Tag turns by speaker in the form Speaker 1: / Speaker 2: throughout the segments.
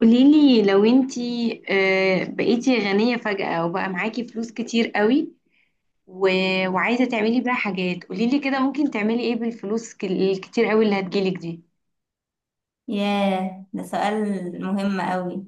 Speaker 1: قوليلي لو انتي بقيتي غنية فجأة وبقى معاكي فلوس كتير قوي و... وعايزة تعملي بيها حاجات. قوليلي كده ممكن تعملي ايه بالفلوس الكتير قوي اللي هتجيلك دي؟
Speaker 2: ياه، ده سؤال مهم قوي.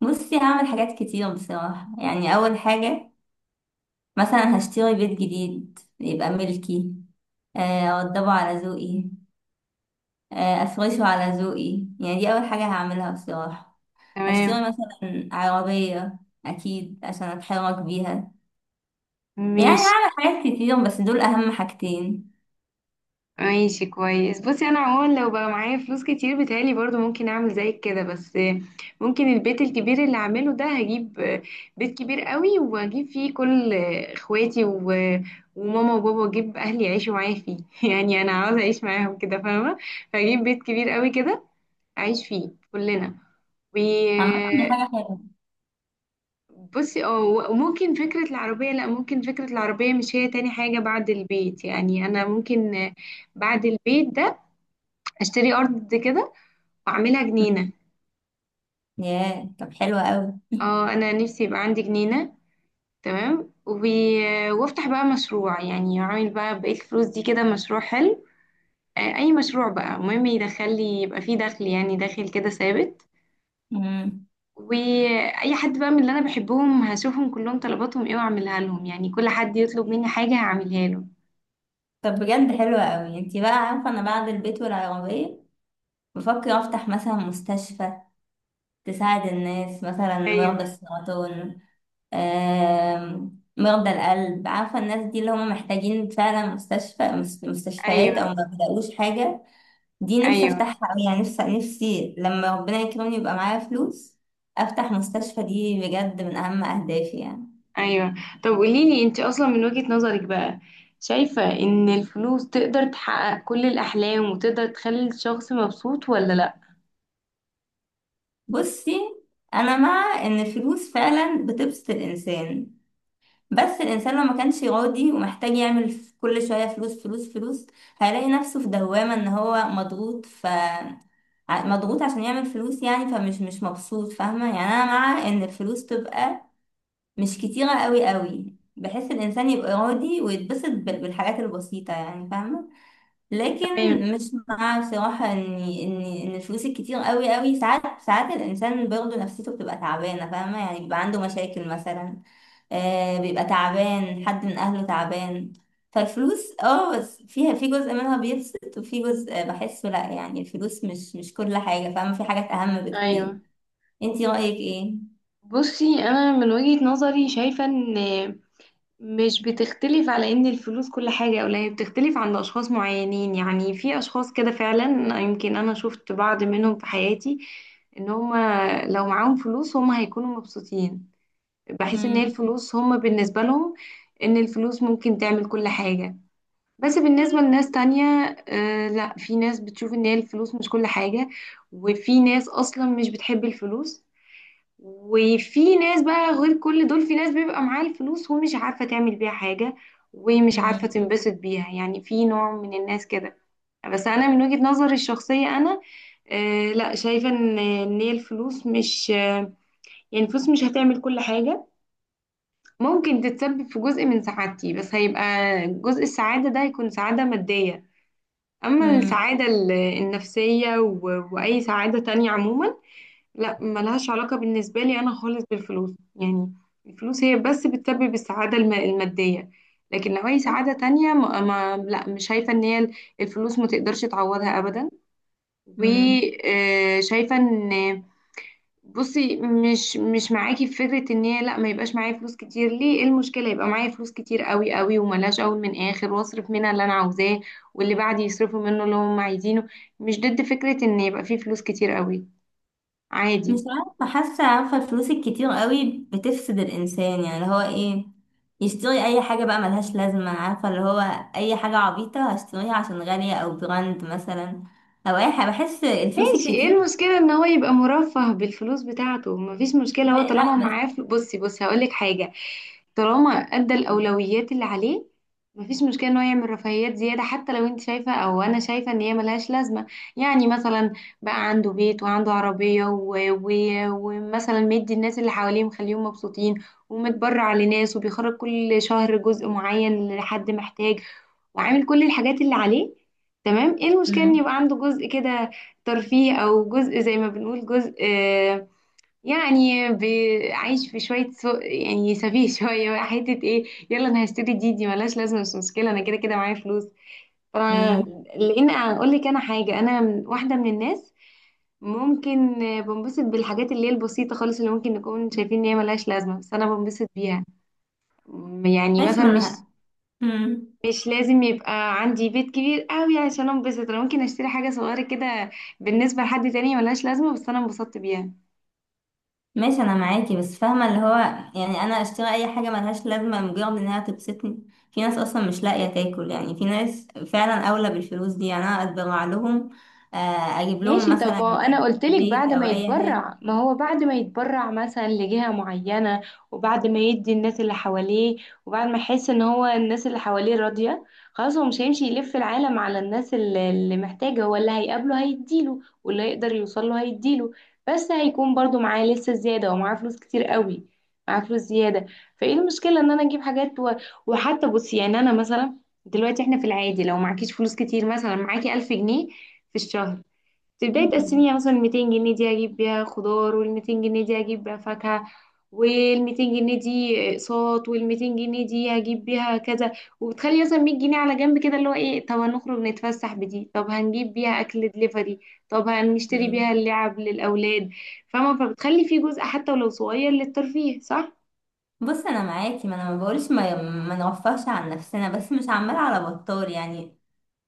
Speaker 2: بصي، هعمل حاجات كتير بصراحة. يعني أول حاجة، مثلا هشتري بيت جديد يبقى ملكي. أوضبه على ذوقي. أفرشه على ذوقي. يعني دي أول حاجة هعملها بصراحة. هشتري
Speaker 1: تمام.
Speaker 2: مثلا عربية، أكيد عشان أتحرك بيها. يعني
Speaker 1: ماشي.
Speaker 2: هعمل حاجات كتير، بس دول أهم حاجتين.
Speaker 1: ماشي كويس. بصي انا عموما لو بقى معايا فلوس كتير بتهيألي برضو ممكن اعمل زيك كده، بس ممكن البيت الكبير اللي اعمله ده، هجيب بيت كبير قوي واجيب فيه كل اخواتي وماما وبابا، واجيب اهلي يعيشوا معايا فيه يعني انا عاوزه اعيش معاهم كده، فاهمه؟ فاجيب بيت كبير قوي كده اعيش فيه كلنا. و
Speaker 2: عامة دي حاجة حلوة.
Speaker 1: بصي اه، وممكن فكرة العربية، لا، ممكن فكرة العربية مش هي تاني حاجة بعد البيت. يعني أنا ممكن بعد البيت ده اشتري ارض كده واعملها جنينه.
Speaker 2: ياه، طب حلوة قوي.
Speaker 1: اه انا نفسي يبقى عندي جنينه. تمام، وافتح بقى مشروع، يعني اعمل بقى بقيه الفلوس دي كده مشروع حلو، اي مشروع بقى، المهم يدخل لي، يبقى فيه دخل يعني داخل كده ثابت.
Speaker 2: مم.
Speaker 1: واي حد بقى من اللي انا بحبهم هشوفهم كلهم طلباتهم ايه واعملها لهم، يعني كل حد يطلب مني حاجه هعملها له.
Speaker 2: طب بجد حلوة قوي. انتي بقى عارفة، انا بعد البيت والعربية بفكر أفتح مثلا مستشفى تساعد الناس، مثلا
Speaker 1: ايوه.
Speaker 2: مرضى السرطان، مرضى القلب. عارفة الناس دي اللي هم محتاجين فعلا مستشفى، مستشفيات،
Speaker 1: ايوه.
Speaker 2: أو ما بيلاقوش حاجة. دي نفسي
Speaker 1: ايوه.
Speaker 2: أفتحها أوي، يعني نفسي نفسي لما ربنا يكرمني يبقى معايا فلوس أفتح مستشفى. دي بجد من أهم أهدافي يعني.
Speaker 1: ايوه. طب قوليلي انت اصلا من وجهة نظرك بقى، شايفة ان الفلوس تقدر تحقق كل الاحلام وتقدر تخلي الشخص مبسوط، ولا لا؟
Speaker 2: بصي، أنا مع إن الفلوس فعلا بتبسط الإنسان، بس الإنسان لو ما كانش راضي، ومحتاج يعمل كل شوية فلوس فلوس فلوس، هيلاقي نفسه في دوامة إن هو مضغوط، مضغوط عشان يعمل فلوس. يعني فمش مش مبسوط، فاهمة؟ يعني أنا مع إن الفلوس تبقى مش كتيرة قوي قوي، بحيث الإنسان يبقى راضي ويتبسط بالحاجات البسيطة، يعني فاهمة؟ لكن
Speaker 1: تمام.
Speaker 2: مش مع، بصراحة، ان الفلوس الكتير قوي قوي ساعات ساعات الانسان برضه نفسيته بتبقى تعبانة، فاهمة؟ يعني بيبقى عنده مشاكل مثلا، بيبقى تعبان، حد من اهله تعبان. فالفلوس، بس فيها، في جزء منها بيبسط وفي جزء بحسه لا. يعني الفلوس مش كل حاجة، فاهمة؟ في حاجات اهم بكتير.
Speaker 1: ايوه.
Speaker 2: انتي رأيك ايه؟
Speaker 1: بصي انا من وجهة نظري شايفة ان، مش بتختلف على ان الفلوس كل حاجة او لا، هي بتختلف عند اشخاص معينين. يعني في اشخاص كده فعلا، يمكن انا شفت بعض منهم في حياتي، ان هما لو معاهم فلوس هما هيكونوا مبسوطين. بحس ان هي
Speaker 2: مم.
Speaker 1: الفلوس هم بالنسبة لهم، ان الفلوس ممكن تعمل كل حاجة. بس بالنسبة لناس تانية، لا، في ناس بتشوف ان هي الفلوس مش كل حاجة، وفي ناس اصلا مش بتحب الفلوس. وفي ناس بقى غير كل دول، في ناس بيبقى معاها الفلوس ومش عارفة تعمل بيها حاجة ومش عارفة
Speaker 2: مم.
Speaker 1: تنبسط بيها، يعني في نوع من الناس كده. بس انا من وجهة نظري الشخصية انا، لا، شايفة إن هي الفلوس مش آه يعني الفلوس مش هتعمل كل حاجة. ممكن تتسبب في جزء من سعادتي بس هيبقى جزء، السعادة ده هيكون سعادة مادية. أما
Speaker 2: مم.
Speaker 1: السعادة النفسية وأي سعادة تانية عموما، لا، ملهاش علاقة بالنسبة لي أنا خالص بالفلوس. يعني الفلوس هي بس بتسبب السعادة المادية. لكن لو أي سعادة تانية ما ما لا مش شايفة إن هي الفلوس ما تقدرش تعوضها أبدا.
Speaker 2: مم.
Speaker 1: وشايفة إن، بصي مش معاكي في فكرة ان هي لا، ما يبقاش معايا فلوس كتير، ليه؟ ايه المشكلة يبقى معايا فلوس كتير قوي قوي وملاش اول من اخر، واصرف منها اللي انا عاوزاه واللي بعدي يصرفوا منه اللي هم عايزينه. مش ضد فكرة ان يبقى فيه فلوس كتير قوي،
Speaker 2: مش
Speaker 1: عادي.
Speaker 2: عارفة، حاسة، عارفة الفلوس الكتير قوي بتفسد الإنسان، يعني اللي هو إيه، يشتري أي حاجة بقى ملهاش لازمة. عارفة اللي هو أي حاجة عبيطة هشتريها عشان غالية أو براند مثلا، أو أي حاجة. بحس الفلوس
Speaker 1: ماشي، ايه
Speaker 2: الكتير
Speaker 1: المشكلة ان هو يبقى مرفه بالفلوس بتاعته؟ مفيش مشكلة،
Speaker 2: ما
Speaker 1: هو طالما
Speaker 2: لا، بس.
Speaker 1: معاه بصي بصي، هقولك حاجة، طالما ادى الأولويات اللي عليه، مفيش مشكلة ان هو يعمل رفاهيات زيادة، حتى لو انت شايفة او انا شايفة ان هي ملهاش لازمة. يعني مثلا، بقى عنده بيت وعنده عربية، ومثلا مدي الناس اللي حواليه مخليهم مبسوطين، ومتبرع لناس وبيخرج كل شهر جزء معين لحد محتاج، وعامل كل الحاجات اللي عليه. تمام، ايه المشكلة ان
Speaker 2: مم.
Speaker 1: يبقى عنده جزء كده ترفيه، او جزء زي ما بنقول جزء، يعني عايش في شويه سوء، يعني سفيه شويه بقى، حته ايه، يلا انا هشتري دي، دي ملهاش لازمه، مش مشكله، انا كده كده معايا فلوس. ف-
Speaker 2: مم.
Speaker 1: لان اقول لك انا حاجه، انا واحده من الناس ممكن، بنبسط بالحاجات اللي هي البسيطه خالص، اللي ممكن نكون شايفين ان هي ملهاش لازمه، بس انا بنبسط بيها. يعني
Speaker 2: ماشي، ما
Speaker 1: مثلا
Speaker 2: أنا. مم.
Speaker 1: مش لازم يبقى عندي بيت كبير قوي عشان انبسط، انا ممكن اشتري حاجه صغيره كده بالنسبه لحد تاني ملهاش لازمه، بس انا انبسطت بيها.
Speaker 2: ماشي، انا معاكي، بس فاهمه اللي هو، يعني انا اشتري اي حاجه ملهاش لازمه لمجرد انها تبسطني؟ في ناس اصلا مش لاقيه تاكل، يعني في ناس فعلا اولى بالفلوس دي، يعني انا اتبرع لهم. اجيب لهم
Speaker 1: ماشي، طب ما
Speaker 2: مثلا
Speaker 1: هو انا قلت لك
Speaker 2: بيت
Speaker 1: بعد ما
Speaker 2: او اي حاجه.
Speaker 1: يتبرع، ما هو بعد ما يتبرع مثلا لجهة معينة، وبعد ما يدي الناس اللي حواليه، وبعد ما يحس ان هو الناس اللي حواليه راضية، خلاص هو مش هيمشي يلف العالم على الناس اللي اللي محتاجة، هو اللي هيقابله هيديله واللي هيقدر يوصله هيديله. بس هيكون برضو معاه لسه زيادة، ومعاه فلوس كتير قوي، معاه فلوس زيادة. فايه المشكلة ان انا اجيب حاجات وحتى، بصي يعني انا مثلا دلوقتي احنا في العادي لو معكيش فلوس كتير، مثلا معاكي 1000 جنيه في الشهر، في بداية
Speaker 2: مم.
Speaker 1: السنة مثلا 200 جنيه دي أجيب بيها خضار، وال 200 جنيه دي أجيب بيها فاكهة، وال 200 جنيه دي أقساط، وال 200 جنيه دي هجيب بيها كذا، وبتخلي مثلا 100 جنيه على جنب كده اللي هو إيه، طب هنخرج نتفسح بدي، طب هنجيب بيها أكل دليفري، طب هنشتري بيها
Speaker 2: مم.
Speaker 1: اللعب للأولاد. فاهمة؟ فبتخلي في جزء حتى ولو صغير للترفيه، صح؟
Speaker 2: بص، انا معاكي، ما انا ما بقولش ما نوفرش عن نفسنا، بس مش عمال على بطال يعني.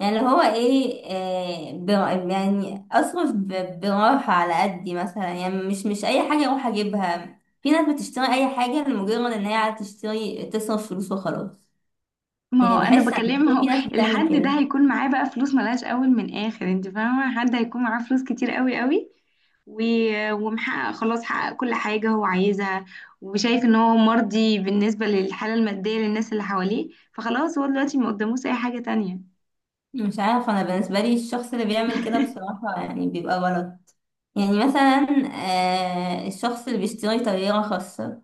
Speaker 2: يعني اللي هو ايه، يعني اصرف براحة، على قدي مثلا. يعني مش اي حاجة اروح اجيبها. في ناس بتشتري اي حاجة لمجرد ان هي عايزة تشتري، تصرف فلوس وخلاص.
Speaker 1: ما هو
Speaker 2: يعني
Speaker 1: انا
Speaker 2: بحس ان
Speaker 1: بكلم،
Speaker 2: في
Speaker 1: هو
Speaker 2: ناس بتعمل
Speaker 1: الحد ده
Speaker 2: كده.
Speaker 1: هيكون معاه بقى فلوس ملهاش اول من اخر، انت فاهمه؟ حد هيكون معاه فلوس كتير قوي قوي و... ومحقق، خلاص حقق كل حاجه هو عايزها، وشايف ان هو مرضي بالنسبه للحاله الماديه للناس اللي حواليه، فخلاص هو دلوقتي ما قداموش اي حاجه تانية.
Speaker 2: مش عارفة، انا بالنسبة لي الشخص اللي بيعمل كده بصراحة يعني بيبقى غلط. يعني مثلا الشخص اللي بيشتري طيارة خاصة،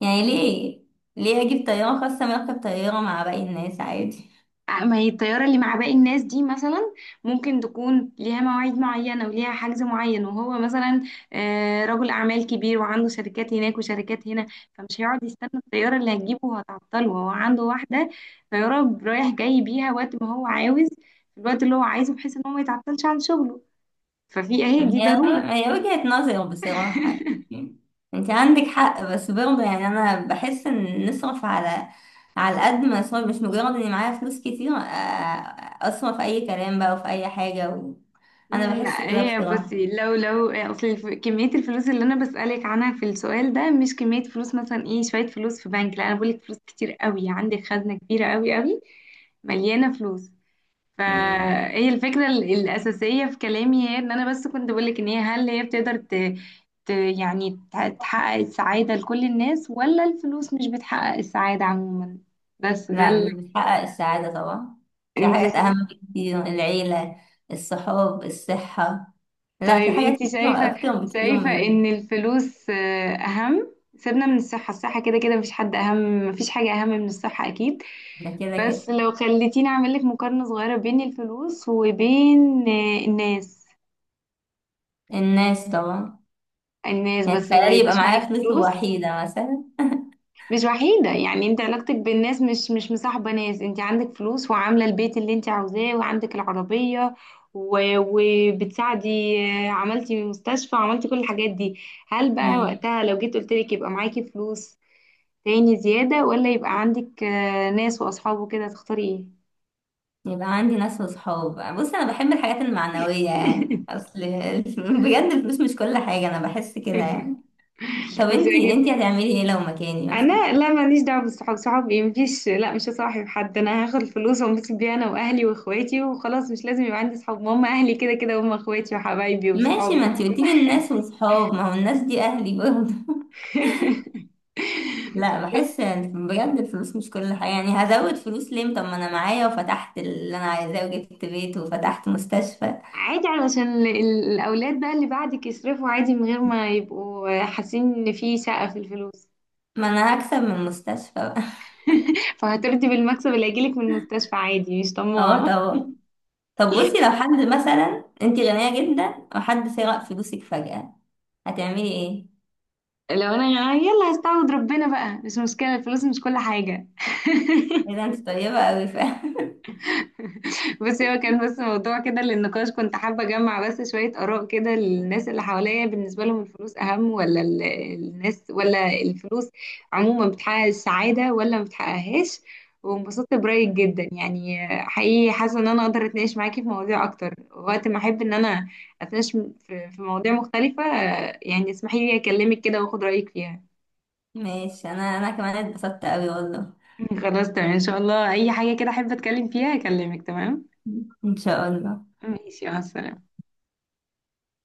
Speaker 2: يعني ليه اجيب طيارة خاصة؟ ما اركب طيارة مع باقي الناس عادي.
Speaker 1: ما هي الطيارة اللي مع باقي الناس دي مثلا ممكن تكون ليها مواعيد معينة وليها حجز معين، وهو مثلا رجل أعمال كبير وعنده شركات هناك وشركات هنا، فمش هيقعد يستنى الطيارة اللي هتجيبه وهتعطله، هو عنده واحدة طيارة رايح جاي بيها وقت ما هو عاوز، في الوقت اللي هو عايزه، بحيث إن هو ما يتعطلش عن شغله. ففي أهي دي
Speaker 2: هي
Speaker 1: ضرورة.
Speaker 2: هي وجهة نظر بصراحة يعني. انت عندك حق، بس برضه يعني انا بحس ان نصرف على قد ما اصرف، مش مجرد اني معايا فلوس كتير اصرف اي كلام بقى وفي اي حاجة انا بحس
Speaker 1: لا،
Speaker 2: كده
Speaker 1: هي
Speaker 2: بصراحة.
Speaker 1: بصي، لو لو اصل كمية الفلوس اللي انا بسألك عنها في السؤال ده مش كمية فلوس مثلا ايه شوية فلوس في بنك، لا، انا بقولك فلوس كتير قوي، عندك خزنة كبيرة قوي قوي مليانة فلوس.
Speaker 2: مم.
Speaker 1: فهي الفكرة الأساسية في كلامي هي ان انا بس كنت بقولك ان هي، هل هي بتقدر يعني تحقق السعادة لكل الناس، ولا الفلوس مش بتحقق السعادة عموما؟ بس ده
Speaker 2: لا، مش بتحقق السعادة طبعا. في حاجات
Speaker 1: ال...
Speaker 2: اهم بكتير: العيلة، الصحاب، الصحة. لا، في
Speaker 1: طيب
Speaker 2: حاجات
Speaker 1: انت
Speaker 2: كتير
Speaker 1: شايفة،
Speaker 2: اكتر بكتير
Speaker 1: شايفة
Speaker 2: من
Speaker 1: ان الفلوس، اهم، سيبنا من الصحة، الصحة كده كده مفيش حد اهم، مفيش حاجة اهم من الصحة اكيد.
Speaker 2: ده كده
Speaker 1: بس
Speaker 2: كده.
Speaker 1: لو خليتيني اعمل لك مقارنة صغيرة بين الفلوس وبين الناس،
Speaker 2: الناس طبعا.
Speaker 1: الناس
Speaker 2: يعني
Speaker 1: بس ما
Speaker 2: تخيلي يبقى
Speaker 1: يبقاش معاكي
Speaker 2: معايا فلوس
Speaker 1: فلوس.
Speaker 2: وحيدة مثلا.
Speaker 1: مش وحيدة، يعني انت علاقتك بالناس مش مصاحبة ناس، انت عندك فلوس وعاملة البيت اللي انت عاوزاه وعندك العربية وبتساعدي، عملتي مستشفى، عملتي كل الحاجات دي. هل بقى وقتها لو جيت قلتلك يبقى معاكي فلوس تاني زيادة، ولا يبقى عندك ناس وأصحاب وكده، تختاري
Speaker 2: يبقى عندي ناس وصحاب. بص، انا بحب الحاجات المعنوية، يعني اصل بجد الفلوس مش كل حاجة، انا بحس كده
Speaker 1: ايه؟
Speaker 2: يعني. طب
Speaker 1: بس
Speaker 2: انتي، هتعملي ايه لو مكاني
Speaker 1: انا
Speaker 2: مثلا؟
Speaker 1: لا ماليش دعوه بالصحاب، صحاب ايه؟ مفيش، لا، مش هصاحب حد، انا هاخد الفلوس وانبسط بيها انا واهلي واخواتي وخلاص، مش لازم يبقى عندي صحاب، ما هم اهلي كده كده، هم اخواتي وحبايبي
Speaker 2: ماشي،
Speaker 1: وصحابي
Speaker 2: ما
Speaker 1: هم
Speaker 2: انتي
Speaker 1: كل
Speaker 2: قلتيلي الناس وصحاب، ما هو الناس دي اهلي برضه. لا،
Speaker 1: بس
Speaker 2: بحس إن بجد الفلوس مش كل حاجة. يعني هزود فلوس ليه طب، ما انا معايا وفتحت اللي انا عايزاه وجبت بيت وفتحت مستشفى.
Speaker 1: عادي علشان الاولاد بقى اللي بعدك يصرفوا عادي من غير ما يبقوا حاسين ان في سقف في الفلوس.
Speaker 2: ما انا هكسب من المستشفى بقى.
Speaker 1: فهترضي بالمكسب اللي هيجيلك من المستشفى عادي، مش
Speaker 2: اه
Speaker 1: طماعه.
Speaker 2: طبعا. طب بصي، لو حد مثلا، انتي غنية جدا وحد سرق فلوسك فجأة، هتعملي ايه؟
Speaker 1: لو انا يلا هستعوض ربنا بقى، مش مشكله، الفلوس مش كل حاجه.
Speaker 2: ايه ده، انت طيبة اوي فعلا.
Speaker 1: بصي هو كان بس موضوع كده للنقاش، كنت حابة أجمع بس شوية آراء كده للناس اللي حواليا، بالنسبة لهم الفلوس أهم ولا الناس؟ ولا الفلوس عموما بتحقق السعادة ولا ما بتحققهاش؟ وانبسطت برأيك جدا يعني، حقيقي حاسة إن أنا أقدر أتناقش معاكي في مواضيع أكتر وقت ما أحب إن أنا أتناقش في مواضيع مختلفة، يعني اسمحي لي أكلمك كده وأخد رأيك فيها.
Speaker 2: ماشي، انا كمان اتبسطت اوي والله.
Speaker 1: خلاص تمام، إن شاء الله أي حاجة كده أحب أتكلم فيها أكلمك. تمام،
Speaker 2: ان شاء الله.
Speaker 1: ماشي، مع السلامة.